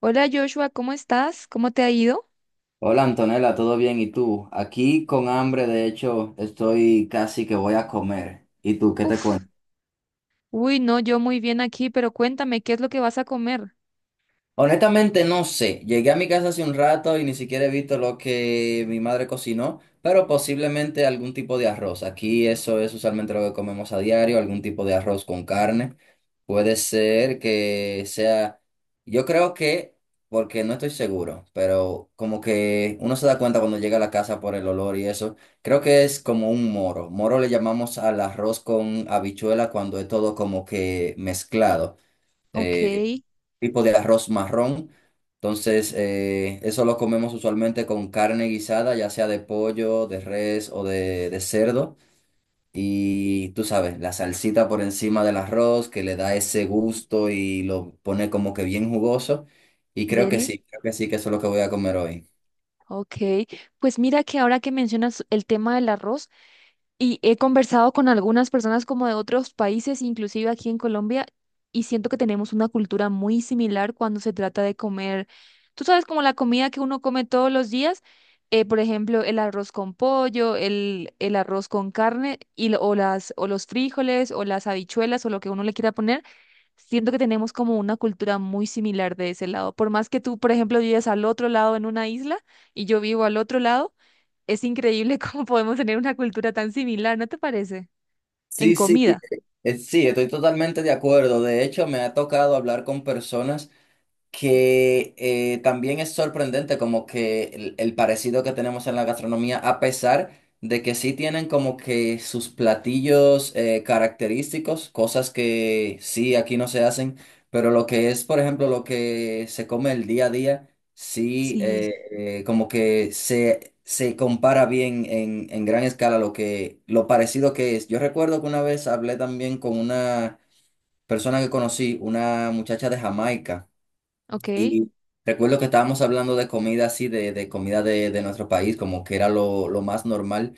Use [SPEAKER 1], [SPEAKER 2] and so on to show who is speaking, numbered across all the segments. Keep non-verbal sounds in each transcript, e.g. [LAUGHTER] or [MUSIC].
[SPEAKER 1] Hola Joshua, ¿cómo estás? ¿Cómo te ha ido?
[SPEAKER 2] Hola Antonella, ¿todo bien? ¿Y tú? Aquí con hambre, de hecho, estoy casi que voy a comer. ¿Y tú qué te
[SPEAKER 1] Uf,
[SPEAKER 2] cuentas?
[SPEAKER 1] uy, no, yo muy bien aquí, pero cuéntame, ¿qué es lo que vas a comer?
[SPEAKER 2] Honestamente no sé, llegué a mi casa hace un rato y ni siquiera he visto lo que mi madre cocinó, pero posiblemente algún tipo de arroz. Aquí eso es usualmente lo que comemos a diario, algún tipo de arroz con carne. Puede ser que sea, yo creo que, porque no estoy seguro, pero como que uno se da cuenta cuando llega a la casa por el olor y eso, creo que es como un moro. Moro le llamamos al arroz con habichuela cuando es todo como que mezclado,
[SPEAKER 1] Ok.
[SPEAKER 2] eh, tipo de arroz marrón. Entonces, eso lo comemos usualmente con carne guisada, ya sea de pollo, de res o de cerdo. Y tú sabes, la salsita por encima del arroz que le da ese gusto y lo pone como que bien jugoso. Y
[SPEAKER 1] Deli.
[SPEAKER 2] creo que sí, que eso es lo que voy a comer hoy.
[SPEAKER 1] Ok, pues mira que ahora que mencionas el tema del arroz, y he conversado con algunas personas como de otros países, inclusive aquí en Colombia, y siento que tenemos una cultura muy similar cuando se trata de comer, tú sabes, como la comida que uno come todos los días, por ejemplo, el arroz con pollo, el arroz con carne, y, o las, o los frijoles, o las habichuelas, o lo que uno le quiera poner, siento que tenemos como una cultura muy similar de ese lado. Por más que tú, por ejemplo, vives al otro lado en una isla y yo vivo al otro lado. Es increíble [LAUGHS] cómo podemos tener una cultura tan similar, ¿no te parece? En
[SPEAKER 2] Sí, sí,
[SPEAKER 1] comida.
[SPEAKER 2] sí, estoy totalmente de acuerdo. De hecho, me ha tocado hablar con personas, que también es sorprendente como que el parecido que tenemos en la gastronomía, a pesar de que sí tienen como que sus platillos característicos, cosas que sí aquí no se hacen, pero lo que es, por ejemplo, lo que se come el día a día, sí,
[SPEAKER 1] Sí,
[SPEAKER 2] como que se compara bien en gran escala lo que, lo parecido que es. Yo recuerdo que una vez hablé también con una persona que conocí, una muchacha de Jamaica.
[SPEAKER 1] ok,
[SPEAKER 2] Y recuerdo que estábamos hablando de comida así, de comida de nuestro país, como que era lo más normal.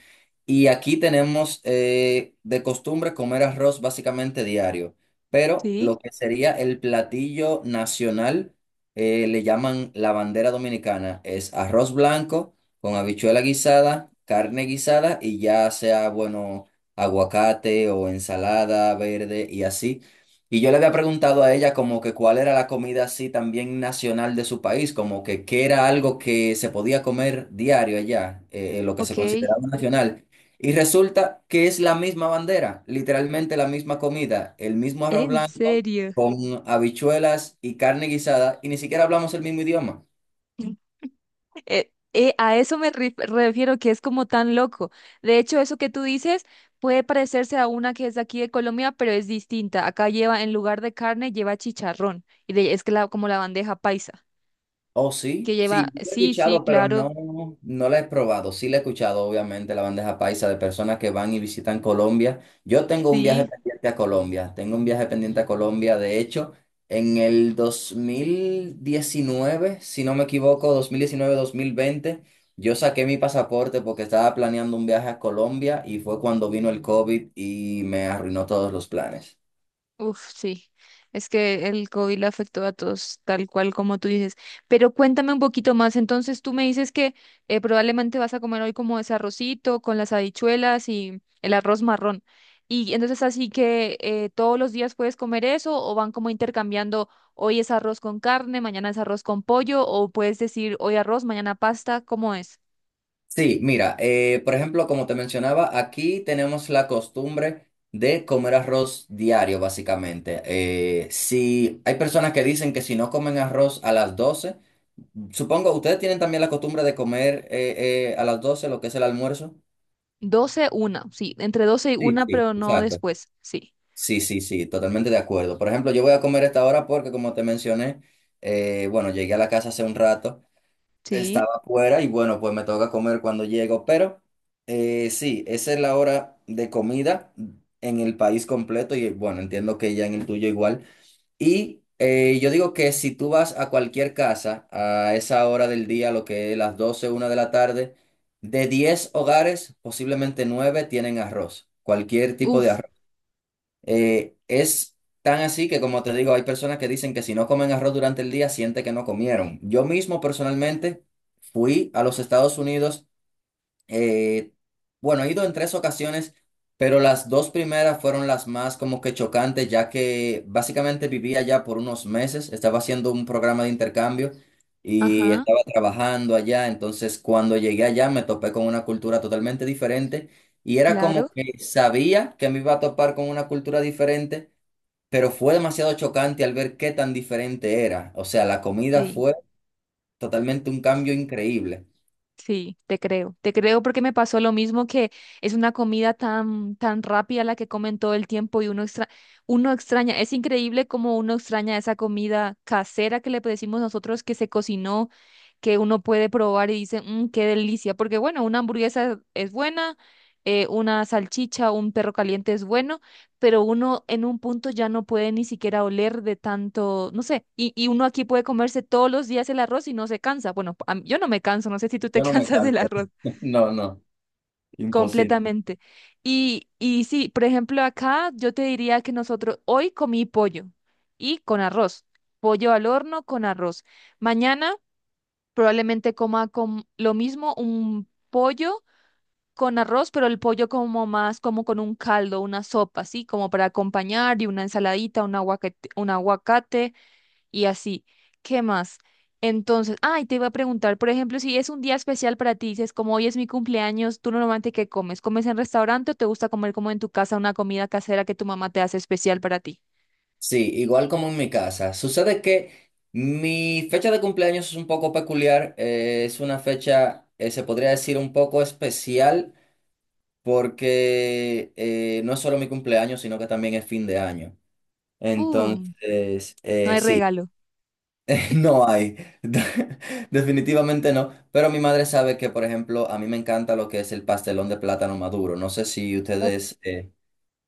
[SPEAKER 2] Y aquí tenemos, de costumbre comer arroz básicamente diario, pero
[SPEAKER 1] sí,
[SPEAKER 2] lo que sería el platillo nacional, le llaman la bandera dominicana, es arroz blanco con habichuela guisada, carne guisada y ya sea, bueno, aguacate o ensalada verde y así. Y yo le había preguntado a ella como que cuál era la comida así también nacional de su país, como que qué era algo que se podía comer diario allá, lo que se
[SPEAKER 1] ok.
[SPEAKER 2] consideraba nacional. Y resulta que es la misma bandera, literalmente la misma comida, el mismo arroz
[SPEAKER 1] ¿En
[SPEAKER 2] blanco
[SPEAKER 1] serio?
[SPEAKER 2] con habichuelas y carne guisada, y ni siquiera hablamos el mismo idioma.
[SPEAKER 1] [LAUGHS] A eso me refiero, que es como tan loco. De hecho, eso que tú dices puede parecerse a una que es de aquí de Colombia, pero es distinta. Acá lleva, en lugar de carne, lleva chicharrón. Como la bandeja paisa,
[SPEAKER 2] Oh,
[SPEAKER 1] que
[SPEAKER 2] sí, sí,
[SPEAKER 1] lleva,
[SPEAKER 2] la he
[SPEAKER 1] sí, sí,
[SPEAKER 2] escuchado, pero
[SPEAKER 1] claro,
[SPEAKER 2] no, no la he probado. Sí la he escuchado, obviamente, la bandeja paisa de personas que van y visitan Colombia. Yo tengo un viaje
[SPEAKER 1] sí.
[SPEAKER 2] pendiente a Colombia, tengo un viaje pendiente a Colombia. De hecho, en el 2019, si no me equivoco, 2019-2020, yo saqué mi pasaporte porque estaba planeando un viaje a Colombia y fue cuando vino el COVID y me arruinó todos los planes.
[SPEAKER 1] Uf, sí, es que el COVID le afectó a todos, tal cual como tú dices. Pero cuéntame un poquito más, entonces tú me dices que probablemente vas a comer hoy como ese arrocito con las habichuelas y el arroz marrón. Y entonces así que todos los días puedes comer eso o van como intercambiando, hoy es arroz con carne, mañana es arroz con pollo, o puedes decir hoy arroz, mañana pasta, ¿cómo es?
[SPEAKER 2] Sí, mira, por ejemplo, como te mencionaba, aquí tenemos la costumbre de comer arroz diario, básicamente. Si hay personas que dicen que si no comen arroz a las 12, supongo, ¿ustedes tienen también la costumbre de comer, a las 12 lo que es el almuerzo?
[SPEAKER 1] Doce, una, sí, entre 12 y
[SPEAKER 2] Sí,
[SPEAKER 1] una,
[SPEAKER 2] sí,
[SPEAKER 1] pero no
[SPEAKER 2] exacto.
[SPEAKER 1] después, sí,
[SPEAKER 2] Sí, sí, sí, totalmente de acuerdo. Por ejemplo, yo voy a comer a esta hora porque, como te mencioné, bueno, llegué a la casa hace un rato.
[SPEAKER 1] sí.
[SPEAKER 2] Estaba fuera y bueno, pues me toca comer cuando llego, pero, sí, esa es la hora de comida en el país completo y bueno, entiendo que ya en el tuyo igual. Y, yo digo que si tú vas a cualquier casa a esa hora del día, lo que es las doce una de la tarde, de 10 hogares, posiblemente 9 tienen arroz, cualquier tipo de
[SPEAKER 1] Uf,
[SPEAKER 2] arroz. Es tan así que, como te digo, hay personas que dicen que si no comen arroz durante el día, siente que no comieron. Yo mismo personalmente fui a los Estados Unidos, eh, bueno, he ido en tres ocasiones, pero las dos primeras fueron las más como que chocantes, ya que básicamente vivía allá por unos meses, estaba haciendo un programa de intercambio y
[SPEAKER 1] ajá,
[SPEAKER 2] estaba trabajando allá, entonces cuando llegué allá me topé con una cultura totalmente diferente y era
[SPEAKER 1] claro.
[SPEAKER 2] como que sabía que me iba a topar con una cultura diferente, pero fue demasiado chocante al ver qué tan diferente era. O sea, la comida
[SPEAKER 1] Sí.
[SPEAKER 2] fue totalmente un cambio increíble.
[SPEAKER 1] Sí, te creo, te creo, porque me pasó lo mismo, que es una comida tan, tan rápida la que comen todo el tiempo y uno extraña, es increíble como uno extraña esa comida casera que le decimos nosotros, que se cocinó, que uno puede probar y dice, "Mm, qué delicia". Porque bueno, una hamburguesa es buena, una salchicha, un perro caliente es bueno, pero uno en un punto ya no puede ni siquiera oler de tanto, no sé, y uno aquí puede comerse todos los días el arroz y no se cansa. Bueno, yo no me canso, no sé si tú te [LAUGHS]
[SPEAKER 2] Yo no me
[SPEAKER 1] cansas del
[SPEAKER 2] canso.
[SPEAKER 1] arroz
[SPEAKER 2] [LAUGHS] No, no.
[SPEAKER 1] completamente. Y sí, por ejemplo, acá yo te diría que nosotros, hoy comí pollo y con arroz, pollo al horno con arroz. Mañana... Probablemente coma con lo mismo, un pollo con arroz, pero el pollo como más como con un caldo, una sopa, así como para acompañar, y una ensaladita, un aguacate y así. ¿Qué más? Entonces, ay, te iba a preguntar, por ejemplo, si es un día especial para ti, dices, como hoy es mi cumpleaños, ¿tú normalmente qué comes? ¿Comes en restaurante o te gusta comer como en tu casa una comida casera que tu mamá te hace especial para ti?
[SPEAKER 2] Sí, igual como en mi casa. Sucede que mi fecha de cumpleaños es un poco peculiar. Es una fecha, se podría decir, un poco especial porque, no es solo mi cumpleaños, sino que también es fin de año.
[SPEAKER 1] Uh,
[SPEAKER 2] Entonces,
[SPEAKER 1] no hay
[SPEAKER 2] sí,
[SPEAKER 1] regalo.
[SPEAKER 2] [LAUGHS] no hay. [LAUGHS] Definitivamente no. Pero mi madre sabe que, por ejemplo, a mí me encanta lo que es el pastelón de plátano maduro. No sé si ustedes,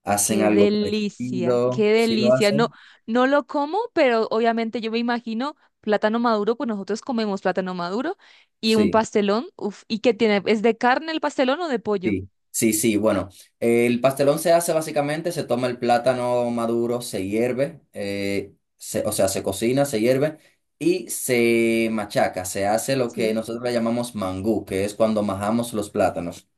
[SPEAKER 2] hacen
[SPEAKER 1] Qué
[SPEAKER 2] algo
[SPEAKER 1] delicia,
[SPEAKER 2] parecido.
[SPEAKER 1] qué
[SPEAKER 2] Si lo
[SPEAKER 1] delicia. No,
[SPEAKER 2] hacen?
[SPEAKER 1] no lo como, pero obviamente yo me imagino plátano maduro, pues nosotros comemos plátano maduro y un
[SPEAKER 2] Sí.
[SPEAKER 1] pastelón. Uf, ¿y qué tiene? ¿Es de carne el pastelón o de pollo?
[SPEAKER 2] Sí, sí, sí. Bueno, el pastelón se hace básicamente, se toma el plátano maduro, se hierve, o sea, se cocina, se hierve y se machaca. Se hace lo que
[SPEAKER 1] Sí.
[SPEAKER 2] nosotros le llamamos mangú, que es cuando majamos los plátanos.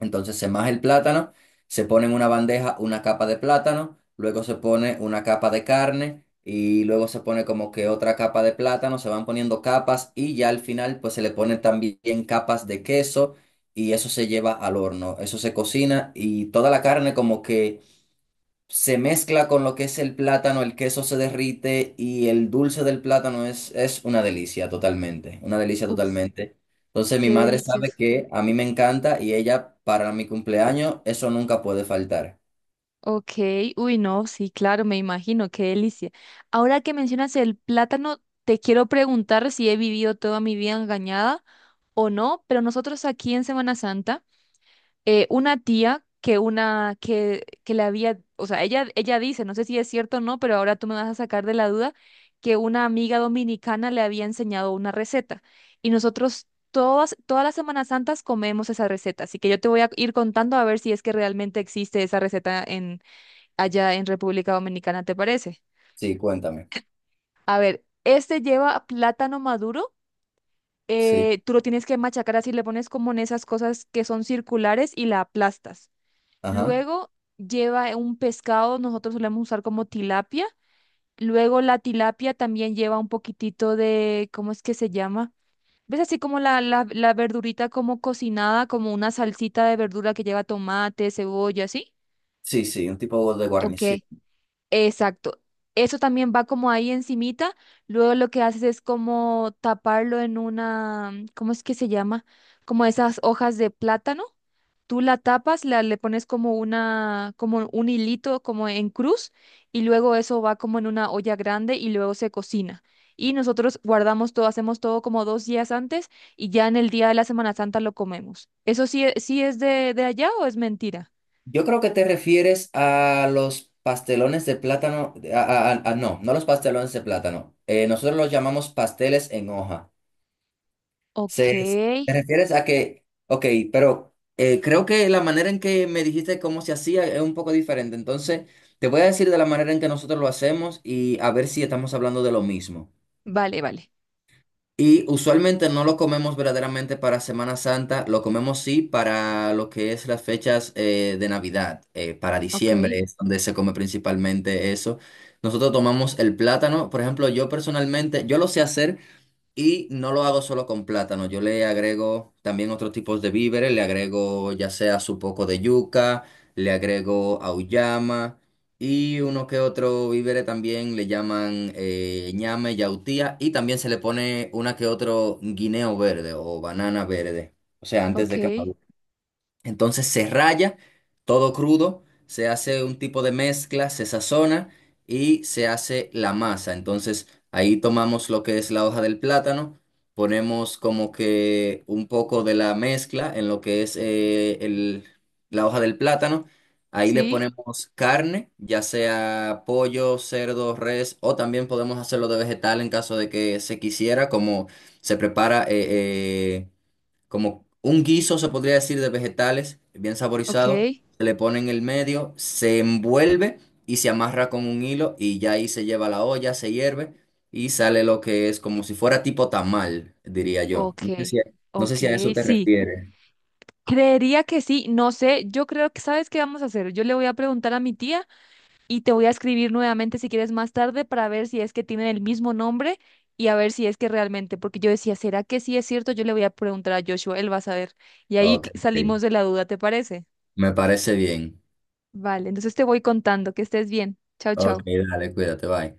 [SPEAKER 2] Entonces se maja el plátano, se pone en una bandeja una capa de plátano, luego se pone una capa de carne y luego se pone como que otra capa de plátano, se van poniendo capas y ya al final pues se le ponen también capas de queso y eso se lleva al horno, eso se cocina y toda la carne como que se mezcla con lo que es el plátano, el queso se derrite y el dulce del plátano es una delicia totalmente, una delicia
[SPEAKER 1] Uf,
[SPEAKER 2] totalmente. Entonces mi
[SPEAKER 1] qué
[SPEAKER 2] madre sabe
[SPEAKER 1] delicioso.
[SPEAKER 2] que a mí me encanta y ella para mi cumpleaños eso nunca puede faltar.
[SPEAKER 1] Ok, uy, no, sí, claro, me imagino, qué delicia. Ahora que mencionas el plátano, te quiero preguntar si he vivido toda mi vida engañada o no, pero nosotros aquí en Semana Santa una tía que le había, o sea, ella dice, no sé si es cierto o no, pero ahora tú me vas a sacar de la duda, que una amiga dominicana le había enseñado una receta. Y nosotros todas las Semanas Santas comemos esa receta. Así que yo te voy a ir contando a ver si es que realmente existe esa receta en, allá en República Dominicana, ¿te parece?
[SPEAKER 2] Sí, cuéntame.
[SPEAKER 1] A ver, este lleva plátano maduro.
[SPEAKER 2] Sí,
[SPEAKER 1] Tú lo tienes que machacar así, le pones como en esas cosas que son circulares y la aplastas.
[SPEAKER 2] ajá.
[SPEAKER 1] Luego lleva un pescado, nosotros solemos usar como tilapia. Luego la tilapia también lleva un poquitito de, ¿cómo es que se llama? ¿Ves así como la verdurita como cocinada, como una salsita de verdura que lleva tomate, cebolla, así?
[SPEAKER 2] Sí, sí, un tipo de
[SPEAKER 1] Ok,
[SPEAKER 2] guarnición. Sí.
[SPEAKER 1] exacto. Eso también va como ahí encimita. Luego lo que haces es como taparlo en una, ¿cómo es que se llama? Como esas hojas de plátano. Tú la tapas, le pones como una, como un hilito, como en cruz, y luego eso va como en una olla grande y luego se cocina. Y nosotros guardamos todo, hacemos todo como dos días antes, y ya en el día de la Semana Santa lo comemos. ¿Eso sí, sí es de allá, o es mentira?
[SPEAKER 2] Yo creo que te refieres a los pastelones de plátano, no, no los pastelones de plátano. Nosotros los llamamos pasteles en hoja.
[SPEAKER 1] Ok,
[SPEAKER 2] Se, ¿Te refieres a que, ok, pero, creo que la manera en que me dijiste cómo se hacía es un poco diferente? Entonces, te voy a decir de la manera en que nosotros lo hacemos y a ver si estamos hablando de lo mismo.
[SPEAKER 1] vale, vale.
[SPEAKER 2] Y usualmente no lo comemos verdaderamente para Semana Santa, lo comemos sí para lo que es las fechas, de Navidad, para
[SPEAKER 1] Ok,
[SPEAKER 2] diciembre es donde se come principalmente eso. Nosotros tomamos el plátano, por ejemplo, yo personalmente, yo lo sé hacer. Y no lo hago solo con plátano, yo le agrego también otros tipos de víveres, le agrego ya sea su poco de yuca, le agrego auyama y uno que otro víveres también le llaman, ñame, yautía y también se le pone una que otro guineo verde o banana verde, o sea, antes
[SPEAKER 1] ok,
[SPEAKER 2] de que madure. Entonces se raya todo crudo, se hace un tipo de mezcla, se sazona y se hace la masa. Entonces ahí tomamos lo que es la hoja del plátano, ponemos como que un poco de la mezcla en lo que es, la hoja del plátano. Ahí le
[SPEAKER 1] sí,
[SPEAKER 2] ponemos carne, ya sea pollo, cerdo, res, o también podemos hacerlo de vegetal en caso de que se quisiera, como se prepara. Eh, Como un guiso, se podría decir, de vegetales, bien
[SPEAKER 1] ok,
[SPEAKER 2] saborizado. Se le pone en el medio, se envuelve y se amarra con un hilo y ya ahí se lleva a la olla, se hierve y sale lo que es como si fuera tipo tamal, diría yo.
[SPEAKER 1] ok,
[SPEAKER 2] No sé
[SPEAKER 1] ok,
[SPEAKER 2] si a eso te
[SPEAKER 1] sí.
[SPEAKER 2] refieres.
[SPEAKER 1] Creería que sí, no sé, yo creo que, ¿sabes qué vamos a hacer? Yo le voy a preguntar a mi tía y te voy a escribir nuevamente si quieres más tarde, para ver si es que tienen el mismo nombre y a ver si es que realmente, porque yo decía, ¿será que sí es cierto? Yo le voy a preguntar a Joshua, él va a saber. Y ahí
[SPEAKER 2] Ok, ok.
[SPEAKER 1] salimos de la duda, ¿te parece?
[SPEAKER 2] Me parece bien.
[SPEAKER 1] Vale, entonces te voy contando, que estés bien. Chao,
[SPEAKER 2] Ok,
[SPEAKER 1] chao.
[SPEAKER 2] dale, cuídate, bye.